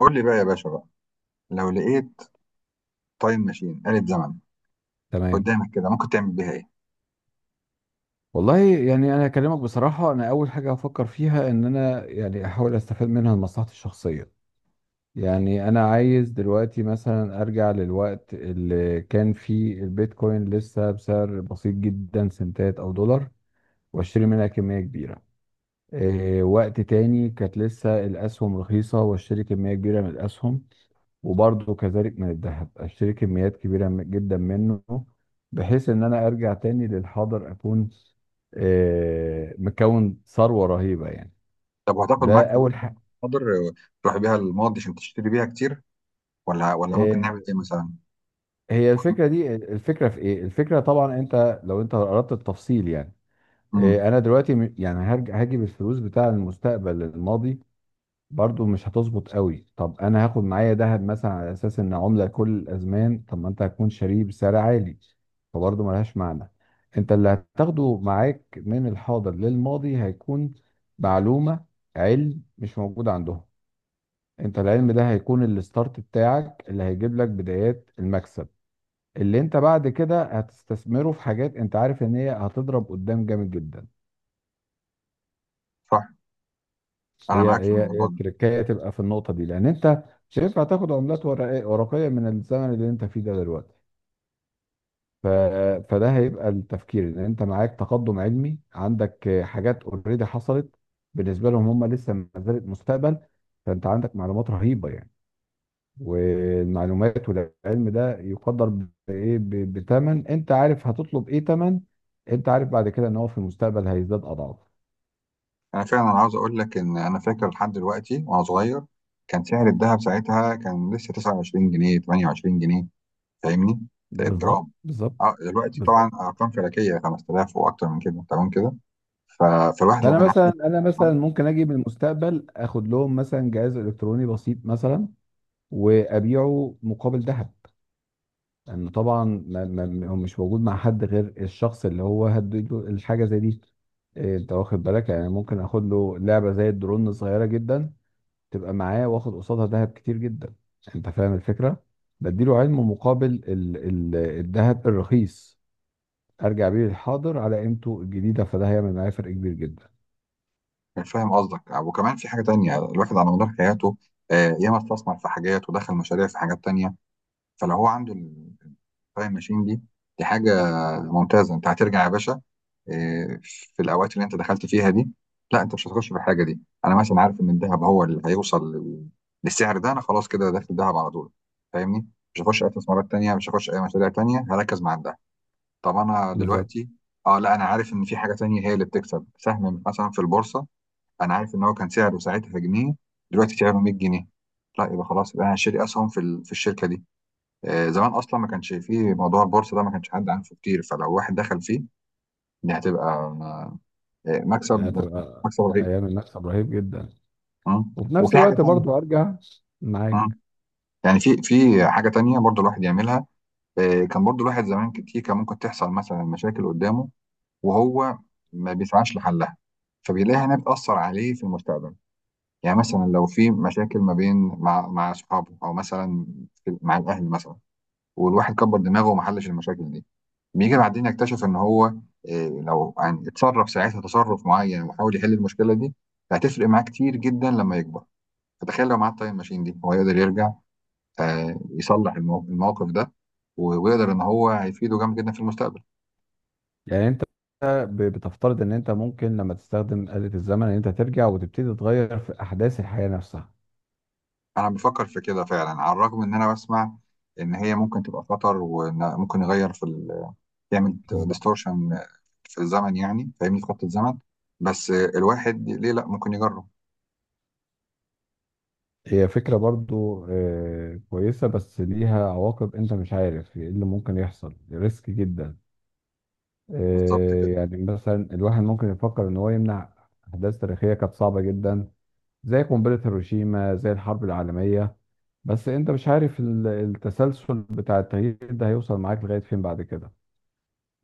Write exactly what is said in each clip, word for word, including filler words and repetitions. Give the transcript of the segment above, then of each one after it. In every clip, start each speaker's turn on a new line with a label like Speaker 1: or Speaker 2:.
Speaker 1: قول لي بقى يا باشا بقى، لو لقيت تايم ماشين آلة زمن
Speaker 2: تمام.
Speaker 1: قدامك كده ممكن تعمل بيها ايه؟
Speaker 2: والله يعني انا اكلمك بصراحه، انا اول حاجه هفكر فيها ان انا يعني احاول استفاد منها لمصلحتي الشخصيه. يعني انا عايز دلوقتي مثلا ارجع للوقت اللي كان فيه البيتكوين لسه بسعر بسيط جدا، سنتات او دولار، واشتري منها كميه كبيره. آه، وقت تاني كانت لسه الأسهم رخيصة، واشتري كمية كبيرة من الأسهم. وبرضه كذلك من الذهب، اشتري كميات كبيرة م- جدا منه، بحيث ان انا ارجع تاني للحاضر اكون آه، مكون ثروة رهيبة يعني.
Speaker 1: طب وهتاخد معاك
Speaker 2: ده
Speaker 1: فلوس
Speaker 2: اول
Speaker 1: بقى
Speaker 2: حاجة.
Speaker 1: قدر تروح بيها الماضي عشان تشتري بيها كتير ولا ولا ممكن
Speaker 2: آه،
Speaker 1: نعمل ايه مثلا؟
Speaker 2: هي الفكرة دي، الفكرة في ايه؟ الفكرة طبعا انت، لو انت اردت التفصيل يعني،
Speaker 1: امم
Speaker 2: آه، انا دلوقتي م- يعني هرجع هجيب الفلوس بتاع المستقبل الماضي، برضو مش هتظبط قوي. طب انا هاخد معايا ذهب مثلا، على اساس ان عملة كل الازمان، طب ما انت هتكون شاريه بسعر عالي، فبرضو ملهاش معنى. انت اللي هتاخده معاك من الحاضر للماضي هيكون معلومة، علم مش موجود عندهم. انت العلم ده هيكون الستارت بتاعك اللي هيجيب لك بدايات المكسب، اللي انت بعد كده هتستثمره في حاجات انت عارف ان هي هتضرب قدام جامد جدا.
Speaker 1: صح، انا
Speaker 2: هي
Speaker 1: معاك في
Speaker 2: هي هي
Speaker 1: الموضوع ده.
Speaker 2: التركية تبقى في النقطة دي، لأن أنت مش هينفع تاخد عملات ورقية ورقية من الزمن اللي أنت فيه ده دلوقتي. ف... فده هيبقى التفكير، إن أنت معاك تقدم علمي، عندك آه، حاجات أوريدي حصلت، بالنسبة لهم هم لسه ما زالت مستقبل. فأنت عندك معلومات رهيبة يعني، والمعلومات والعلم ده يقدر بإيه؟ ب- بتمن. أنت عارف هتطلب إيه تمن، أنت عارف بعد كده إن هو في المستقبل هيزداد أضعاف.
Speaker 1: انا فعلا عاوز اقول لك ان انا فاكر لحد دلوقتي وانا صغير كان سعر الذهب ساعتها كان لسه تسعة وعشرين جنيه تمنية وعشرين جنيه، فاهمني؟
Speaker 2: بالظبط
Speaker 1: جرام.
Speaker 2: بالظبط
Speaker 1: اه دلوقتي طبعا
Speaker 2: بالظبط
Speaker 1: ارقام فلكيه، خمس آلاف واكتر من كده، تمام كده. ف- فالواحد لو
Speaker 2: فانا
Speaker 1: كان
Speaker 2: مثلا،
Speaker 1: عنده،
Speaker 2: انا مثلا ممكن اجي من المستقبل اخد لهم مثلا جهاز الكتروني بسيط مثلا، وابيعه مقابل ذهب. لان طبعا ما ما هو مش موجود مع حد غير الشخص اللي هو هديله الحاجه زي دي. إيه، انت واخد بالك؟ يعني ممكن اخد له لعبه زي الدرون صغيره جدا، تبقى معاه واخد قصادها ذهب كتير جدا. انت فاهم الفكره، بديله علم مقابل ال- ال- الذهب الرخيص، ارجع بيه للحاضر على قيمته الجديده، فده هيعمل معايا فرق كبير جدا.
Speaker 1: يعني فاهم قصدك. وكمان في حاجة تانية، الواحد على مدار حياته آه، ياما استثمر في حاجات ودخل مشاريع في حاجات تانية، فلو هو عنده التايم ماشين دي، دي حاجة ممتازة. انت هترجع يا باشا آه، في الأوقات اللي انت دخلت فيها دي. لا انت مش هتخش في الحاجة دي، أنا مثلا عارف إن الذهب هو اللي هيوصل لل- للسعر ده، أنا خلاص كده داخل دهب على طول، فاهمني. مش هخش أي استثمارات تانية، مش هخش أي مشاريع تانية، هركز مع الدهب. طب أنا
Speaker 2: بالظبط.
Speaker 1: دلوقتي، اه لا انا عارف ان في حاجه تانية هي اللي بتكسب، سهم مثلا في البورصه، انا عارف ان هو كان سعره ساعتها في جنيه، دلوقتي سعره مية جنيه، لا يبقى خلاص يبقى انا شاري اسهم في ال- في الشركه دي. آه، زمان اصلا ما كانش فيه موضوع البورصه ده، ما كانش حد عارفه كتير، فلو واحد دخل فيه دي هتبقى آه،
Speaker 2: لا،
Speaker 1: مكسب،
Speaker 2: هتبقى
Speaker 1: مكسب رهيب.
Speaker 2: ايام، المكسب رهيب جدا.
Speaker 1: مم.
Speaker 2: وفي نفس
Speaker 1: وفي حاجه
Speaker 2: الوقت
Speaker 1: تانية.
Speaker 2: برضو ارجع
Speaker 1: مم.
Speaker 2: معاك.
Speaker 1: يعني في في حاجه تانية برضو الواحد يعملها. آه، كان برضو الواحد زمان كتير كان ممكن تحصل مثلا مشاكل قدامه، وهو ما بيسعاش لحلها، فبيلاقيها انها بتاثر عليه في المستقبل. يعني مثلا لو في مشاكل ما بين مع مع اصحابه، او مثلا في- مع الاهل مثلا، والواحد كبر دماغه وما حلش المشاكل دي، بيجي بعدين يكتشف ان هو إيه، لو يعني اتصرف ساعتها تصرف معين وحاول يحل المشكله دي، فهتفرق معاه كتير جدا لما يكبر. فتخيل لو معاه التايم ماشين دي، هو يقدر يرجع آه، يصلح المو- الموقف ده، و- ويقدر ان هو هيفيده جامد جدا في المستقبل.
Speaker 2: يعني انت ب- بتفترض ان انت ممكن لما تستخدم آلة الزمن، ان انت ترجع وتبتدي تغير في احداث الحياة نفسها.
Speaker 1: انا بفكر في كده فعلا، على الرغم ان انا بسمع ان هي ممكن تبقى خطر وممكن يغير في، تعمل
Speaker 2: بالظبط.
Speaker 1: ديستورشن في الزمن، يعني فاهمني، في خط الزمن، بس الواحد ليه لا ممكن يجرب.
Speaker 2: هي فكرة برضو آه، كويسة، بس ليها عواقب. انت مش عارف ايه اللي ممكن يحصل، ريسك جدا.
Speaker 1: بالظبط
Speaker 2: آه،
Speaker 1: كده.
Speaker 2: يعني مثلا الواحد ممكن يفكر ان هو يمنع احداث تاريخية كانت صعبة جدا، زي قنبلة هيروشيما، زي الحرب العالمية. بس انت مش عارف ال- التسلسل بتاع التغيير ده هيوصل معاك لغاية فين بعد كده.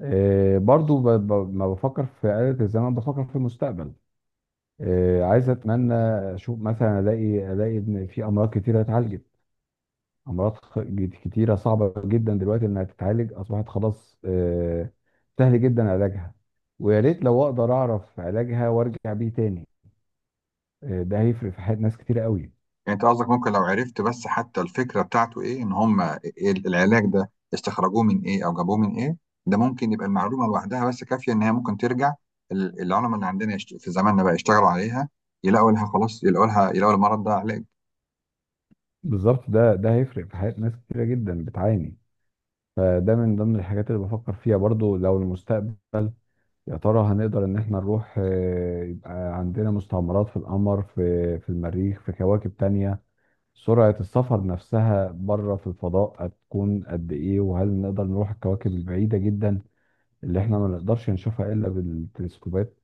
Speaker 2: آه، برضو ب- ب- ما بفكر في آلة الزمن، بفكر في المستقبل. آه، عايز، اتمنى اشوف مثلا، الاقي، الاقي ان في امراض كتيرة اتعالجت. امراض خ- جد- كتيرة صعبة جدا دلوقتي انها تتعالج، اصبحت خلاص آه، سهل جدا علاجها. ويا ريت لو اقدر اعرف علاجها وارجع بيه تاني. آه، ده هيفرق في حياة ناس كتيرة قوي.
Speaker 1: يعني انت قصدك ممكن لو عرفت بس حتى الفكره بتاعته ايه، ان هم إيه العلاج ده، استخرجوه من ايه او جابوه من ايه، ده ممكن يبقى المعلومه لوحدها بس كافيه ان هي ممكن ترجع ال- العلماء اللي عندنا يشت- في زماننا بقى يشتغلوا عليها، يلاقوا لها خلاص، يلاقوا لها، يلاقوا المرض ده علاج.
Speaker 2: بالظبط، ده ده هيفرق في حياة ناس كتيرة جدا بتعاني. فده من ضمن الحاجات اللي بفكر فيها برضو، لو المستقبل يا ترى هنقدر ان احنا نروح آه، يبقى عندنا مستعمرات في القمر، في في المريخ، في كواكب تانية. سرعة السفر نفسها بره في الفضاء هتكون قد ايه، وهل نقدر نروح الكواكب البعيدة جدا اللي احنا ما نقدرش نشوفها الا بالتلسكوبات؟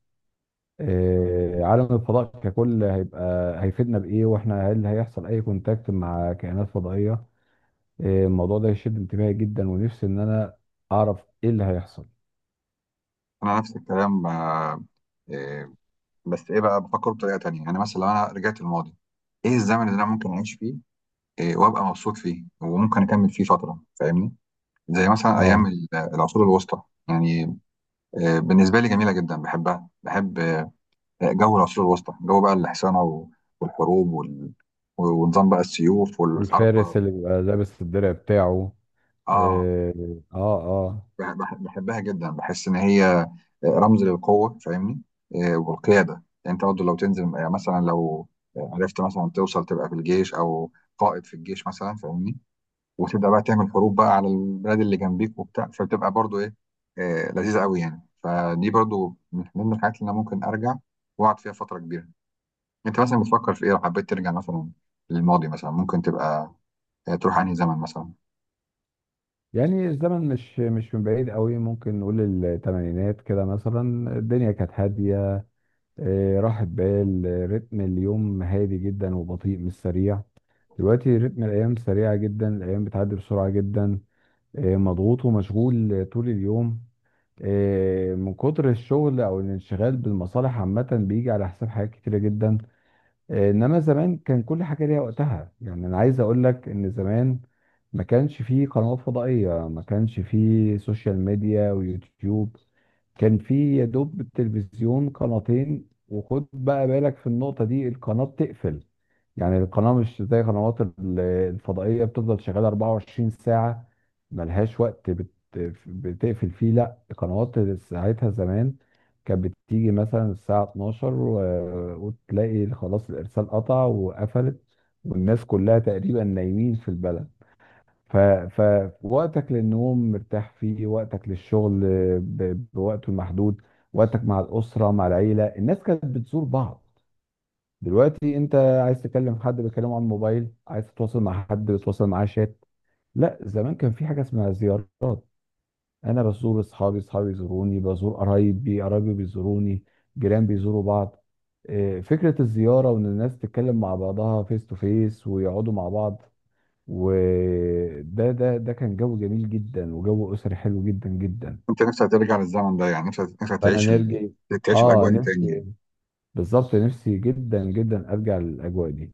Speaker 2: آه، عالم الفضاء ككل هيبقى هيفيدنا بايه، واحنا هل هيحصل اي كونتاكت مع كائنات فضائية؟ إيه، الموضوع ده يشد انتباهي جدا، ونفسي ان انا اعرف ايه اللي هيحصل.
Speaker 1: انا نفس الكلام آه، إيه، بس ايه بقى، بفكر بطريقه تانيه. يعني مثلا لو انا رجعت الماضي، ايه الزمن اللي انا ممكن اعيش فيه إيه، وابقى مبسوط فيه وممكن اكمل فيه فتره، فاهمني؟ زي مثلا ايام
Speaker 2: اه.
Speaker 1: ال- العصور الوسطى، يعني آه، بالنسبه لي جميله جدا، بحبها، بحب آه، جو العصور الوسطى، جو بقى الحصانه و- والحروب وال- ونظام بقى السيوف
Speaker 2: والفارس
Speaker 1: والحربه.
Speaker 2: اللي بيبقى لابس الدرع بتاعه.
Speaker 1: اه
Speaker 2: إيه، اه. اه.
Speaker 1: بح- بح- بحبها جدا، بحس ان هي رمز للقوه، فاهمني، آه، والقياده. يعني انت برضه لو تنزل آه، مثلا لو عرفت مثلا توصل تبقى في الجيش، او قائد في الجيش مثلا، فاهمني، وتبدا بقى تعمل حروب بقى على البلاد اللي جنبيك وبتاع، فبتبقى برضو ايه، آه لذيذه قوي يعني. فدي برضو من ضمن الحاجات اللي انا ممكن ارجع واقعد فيها فتره كبيره. انت مثلا بتفكر في ايه، لو حبيت ترجع مثلا للماضي مثلا، ممكن تبقى آه تروح انهي زمن مثلا؟
Speaker 2: يعني الزمن مش، مش من بعيد قوي، ممكن نقول الثمانينات كده مثلا. الدنيا كانت هادية، إيه، راحت بال آه، رتم اليوم هادي جدا وبطيء، مش سريع. دلوقتي رتم الايام سريعة جدا، الايام بتعدي بسرعة جدا. إيه، مضغوط ومشغول طول اليوم. إيه، من كتر الشغل او الانشغال بالمصالح عامه، بيجي على حساب حاجات كتيره جدا. آه، انما زمان كان كل حاجه ليها وقتها. يعني انا عايز اقول لك ان زمان ما كانش فيه قنوات فضائيه، ما كانش فيه سوشيال ميديا ويوتيوب. كان فيه يا دوب التلفزيون قناتين. وخد بقى بالك في النقطه دي، القناه بتقفل. يعني القناه مش زي قنوات ال- الفضائيه بتفضل شغاله اربعة وعشرين ساعه، ملهاش وقت بت- بتقفل فيه. لا، قنوات ساعتها زمان كانت بتيجي مثلا الساعة اتناشر، و- وتلاقي خلاص الإرسال قطع وقفلت، والناس كلها تقريبا نايمين في البلد. ف... فوقتك للنوم مرتاح فيه، وقتك للشغل ب... بوقته المحدود، وقتك مع الأسرة مع العيلة. الناس كانت بتزور بعض. دلوقتي انت عايز تكلم حد بتكلمه على الموبايل، عايز تتواصل مع حد بتتواصل معاه شات. لا، زمان كان في حاجة اسمها زيارات. انا بزور اصحابي، اصحابي بيزوروني، بزور قرايبي، قرايبي بيزوروني، جيران بيزوروا بعض. آه، فكرة الزيارة، وان الناس تتكلم مع بعضها فيس تو فيس ويقعدوا مع بعض، وده ده ده كان جو جميل جدا، وجو اسري حلو جدا جدا.
Speaker 1: انت نفسك ترجع للزمن ده، يعني نفسك نفسك
Speaker 2: فانا
Speaker 1: تعيش ال...
Speaker 2: نرجع.
Speaker 1: تعيش
Speaker 2: اه
Speaker 1: الاجواء دي تاني يعني؟
Speaker 2: نفسي. بالظبط، نفسي جدا جدا ارجع للاجواء دي.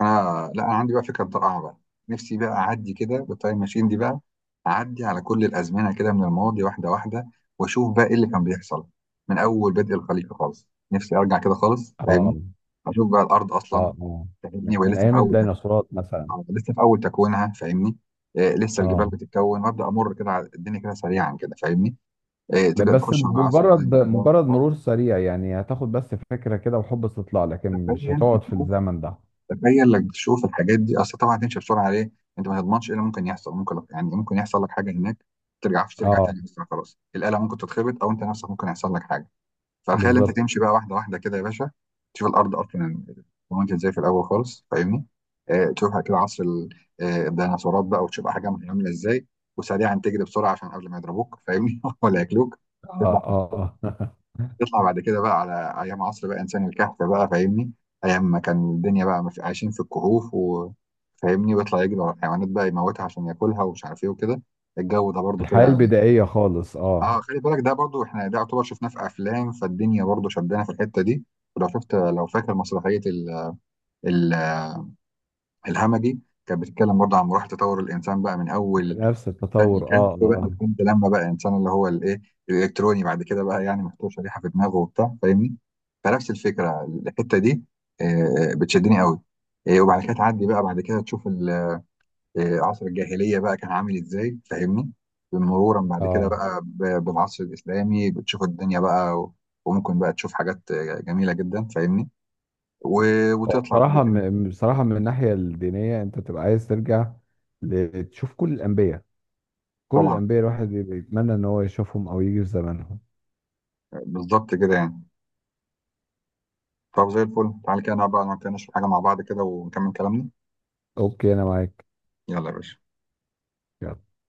Speaker 1: اه لا، انا عندي بقى فكره رائعه بقى، نفسي بقى اعدي كده بالتايم ماشين دي بقى، اعدي على كل الازمنه كده من الماضي واحده واحده، واشوف بقى ايه اللي كان بيحصل من اول بدء الخليقه خالص. نفسي ارجع كده خالص،
Speaker 2: اه.
Speaker 1: فاهمني، اشوف بقى الارض اصلا،
Speaker 2: اه. اه.
Speaker 1: فاهمني،
Speaker 2: من
Speaker 1: وهي
Speaker 2: من
Speaker 1: لسه في
Speaker 2: ايام
Speaker 1: اول تك...
Speaker 2: الديناصورات مثلا.
Speaker 1: آه، لسه في اول تكوينها، فاهمني، آه لسه الجبال
Speaker 2: اه.
Speaker 1: بتتكون. وابدا امر كده على الدنيا كده سريعا كده، فاهمني، آه تبدا
Speaker 2: بس
Speaker 1: تخش على عصر
Speaker 2: مجرد
Speaker 1: الدنيا.
Speaker 2: مجرد مرور سريع، يعني هتاخد بس فكرة كده وحب استطلاع، لكن مش
Speaker 1: تخيل
Speaker 2: هتقعد في
Speaker 1: تشوف،
Speaker 2: الزمن ده.
Speaker 1: تخيل لك تشوف الحاجات دي، اصل طبعا هتمشي بسرعه عليه، انت ما تضمنش ايه اللي ممكن يحصل. ممكن يعني ممكن يحصل لك حاجه هناك ترجعش، ترجع
Speaker 2: اه.
Speaker 1: تاني اصلا، خلاص الاله ممكن تتخبط، او انت نفسك ممكن يحصل لك حاجه. فتخيل انت
Speaker 2: بالظبط.
Speaker 1: تمشي بقى واحده واحده كده يا باشا، تشوف الارض اصلا وانت ازاي في الاول خالص، فاهمني، آه تشوف كده عصر ال- آه، الديناصورات بقى، وتشوف حاجه عامله ازاي، وسريعا تجري بسرعه عشان قبل ما يضربوك، فاهمني، ولا ياكلوك.
Speaker 2: اه. اه. اه.
Speaker 1: يطلع بعد كده بقى على ايام عصر بقى انسان الكهف بقى، فاهمني، ايام ما كان الدنيا بقى مف- عايشين في الكهوف، وفاهمني، ويطلع يجري ورا الحيوانات بقى يموتها عشان ياكلها ومش عارف ايه وكده، الجو ده برضو
Speaker 2: الحياة
Speaker 1: كده.
Speaker 2: البدائية خالص.
Speaker 1: اه،
Speaker 2: اه،
Speaker 1: خلي بالك ده برضو، احنا ده يعتبر شفناه في افلام، فالدنيا برضو شدنا في الحته دي. ولو شفت، لو فاكر مسرحيه ال- ال- الهمجي، كانت بتتكلم برضو عن مراحل تطور الانسان بقى، من اول
Speaker 2: بنفس
Speaker 1: تاني
Speaker 2: التطور.
Speaker 1: كان،
Speaker 2: اه.
Speaker 1: فبقى
Speaker 2: اه.
Speaker 1: الحمد لما بقى انسان اللي هو الايه الالكتروني بعد كده بقى، يعني محتوى شريحه في دماغه وبتاع، فاهمني. فنفس الفكره الحته دي آه، بتشدني قوي. آه، وبعد كده تعدي بقى، بعد كده تشوف ال- آه، عصر الجاهليه بقى كان عامل ازاي، فاهمني، مرورا بعد كده
Speaker 2: اه.
Speaker 1: بقى ب- بالعصر الاسلامي، بتشوف الدنيا بقى و- وممكن بقى تشوف حاجات آه، جميله جدا، فاهمني، و-
Speaker 2: هو
Speaker 1: وتطلع بعد
Speaker 2: بصراحة،
Speaker 1: كده.
Speaker 2: م- بصراحة من الناحية الدينية انت تبقى عايز ترجع ل- تشوف كل الأنبياء. كل
Speaker 1: طبعا
Speaker 2: الأنبياء الواحد بيتمنى ان هو يشوفهم او يجي في زمانهم.
Speaker 1: آه، بالظبط كده يعني. طب زي الفل تعالى كده، نقعد بقى، نقعد كده نشرب حاجه مع بعض كده ونكمل كلامنا.
Speaker 2: اوكي، انا معاك.
Speaker 1: يلا يا باشا.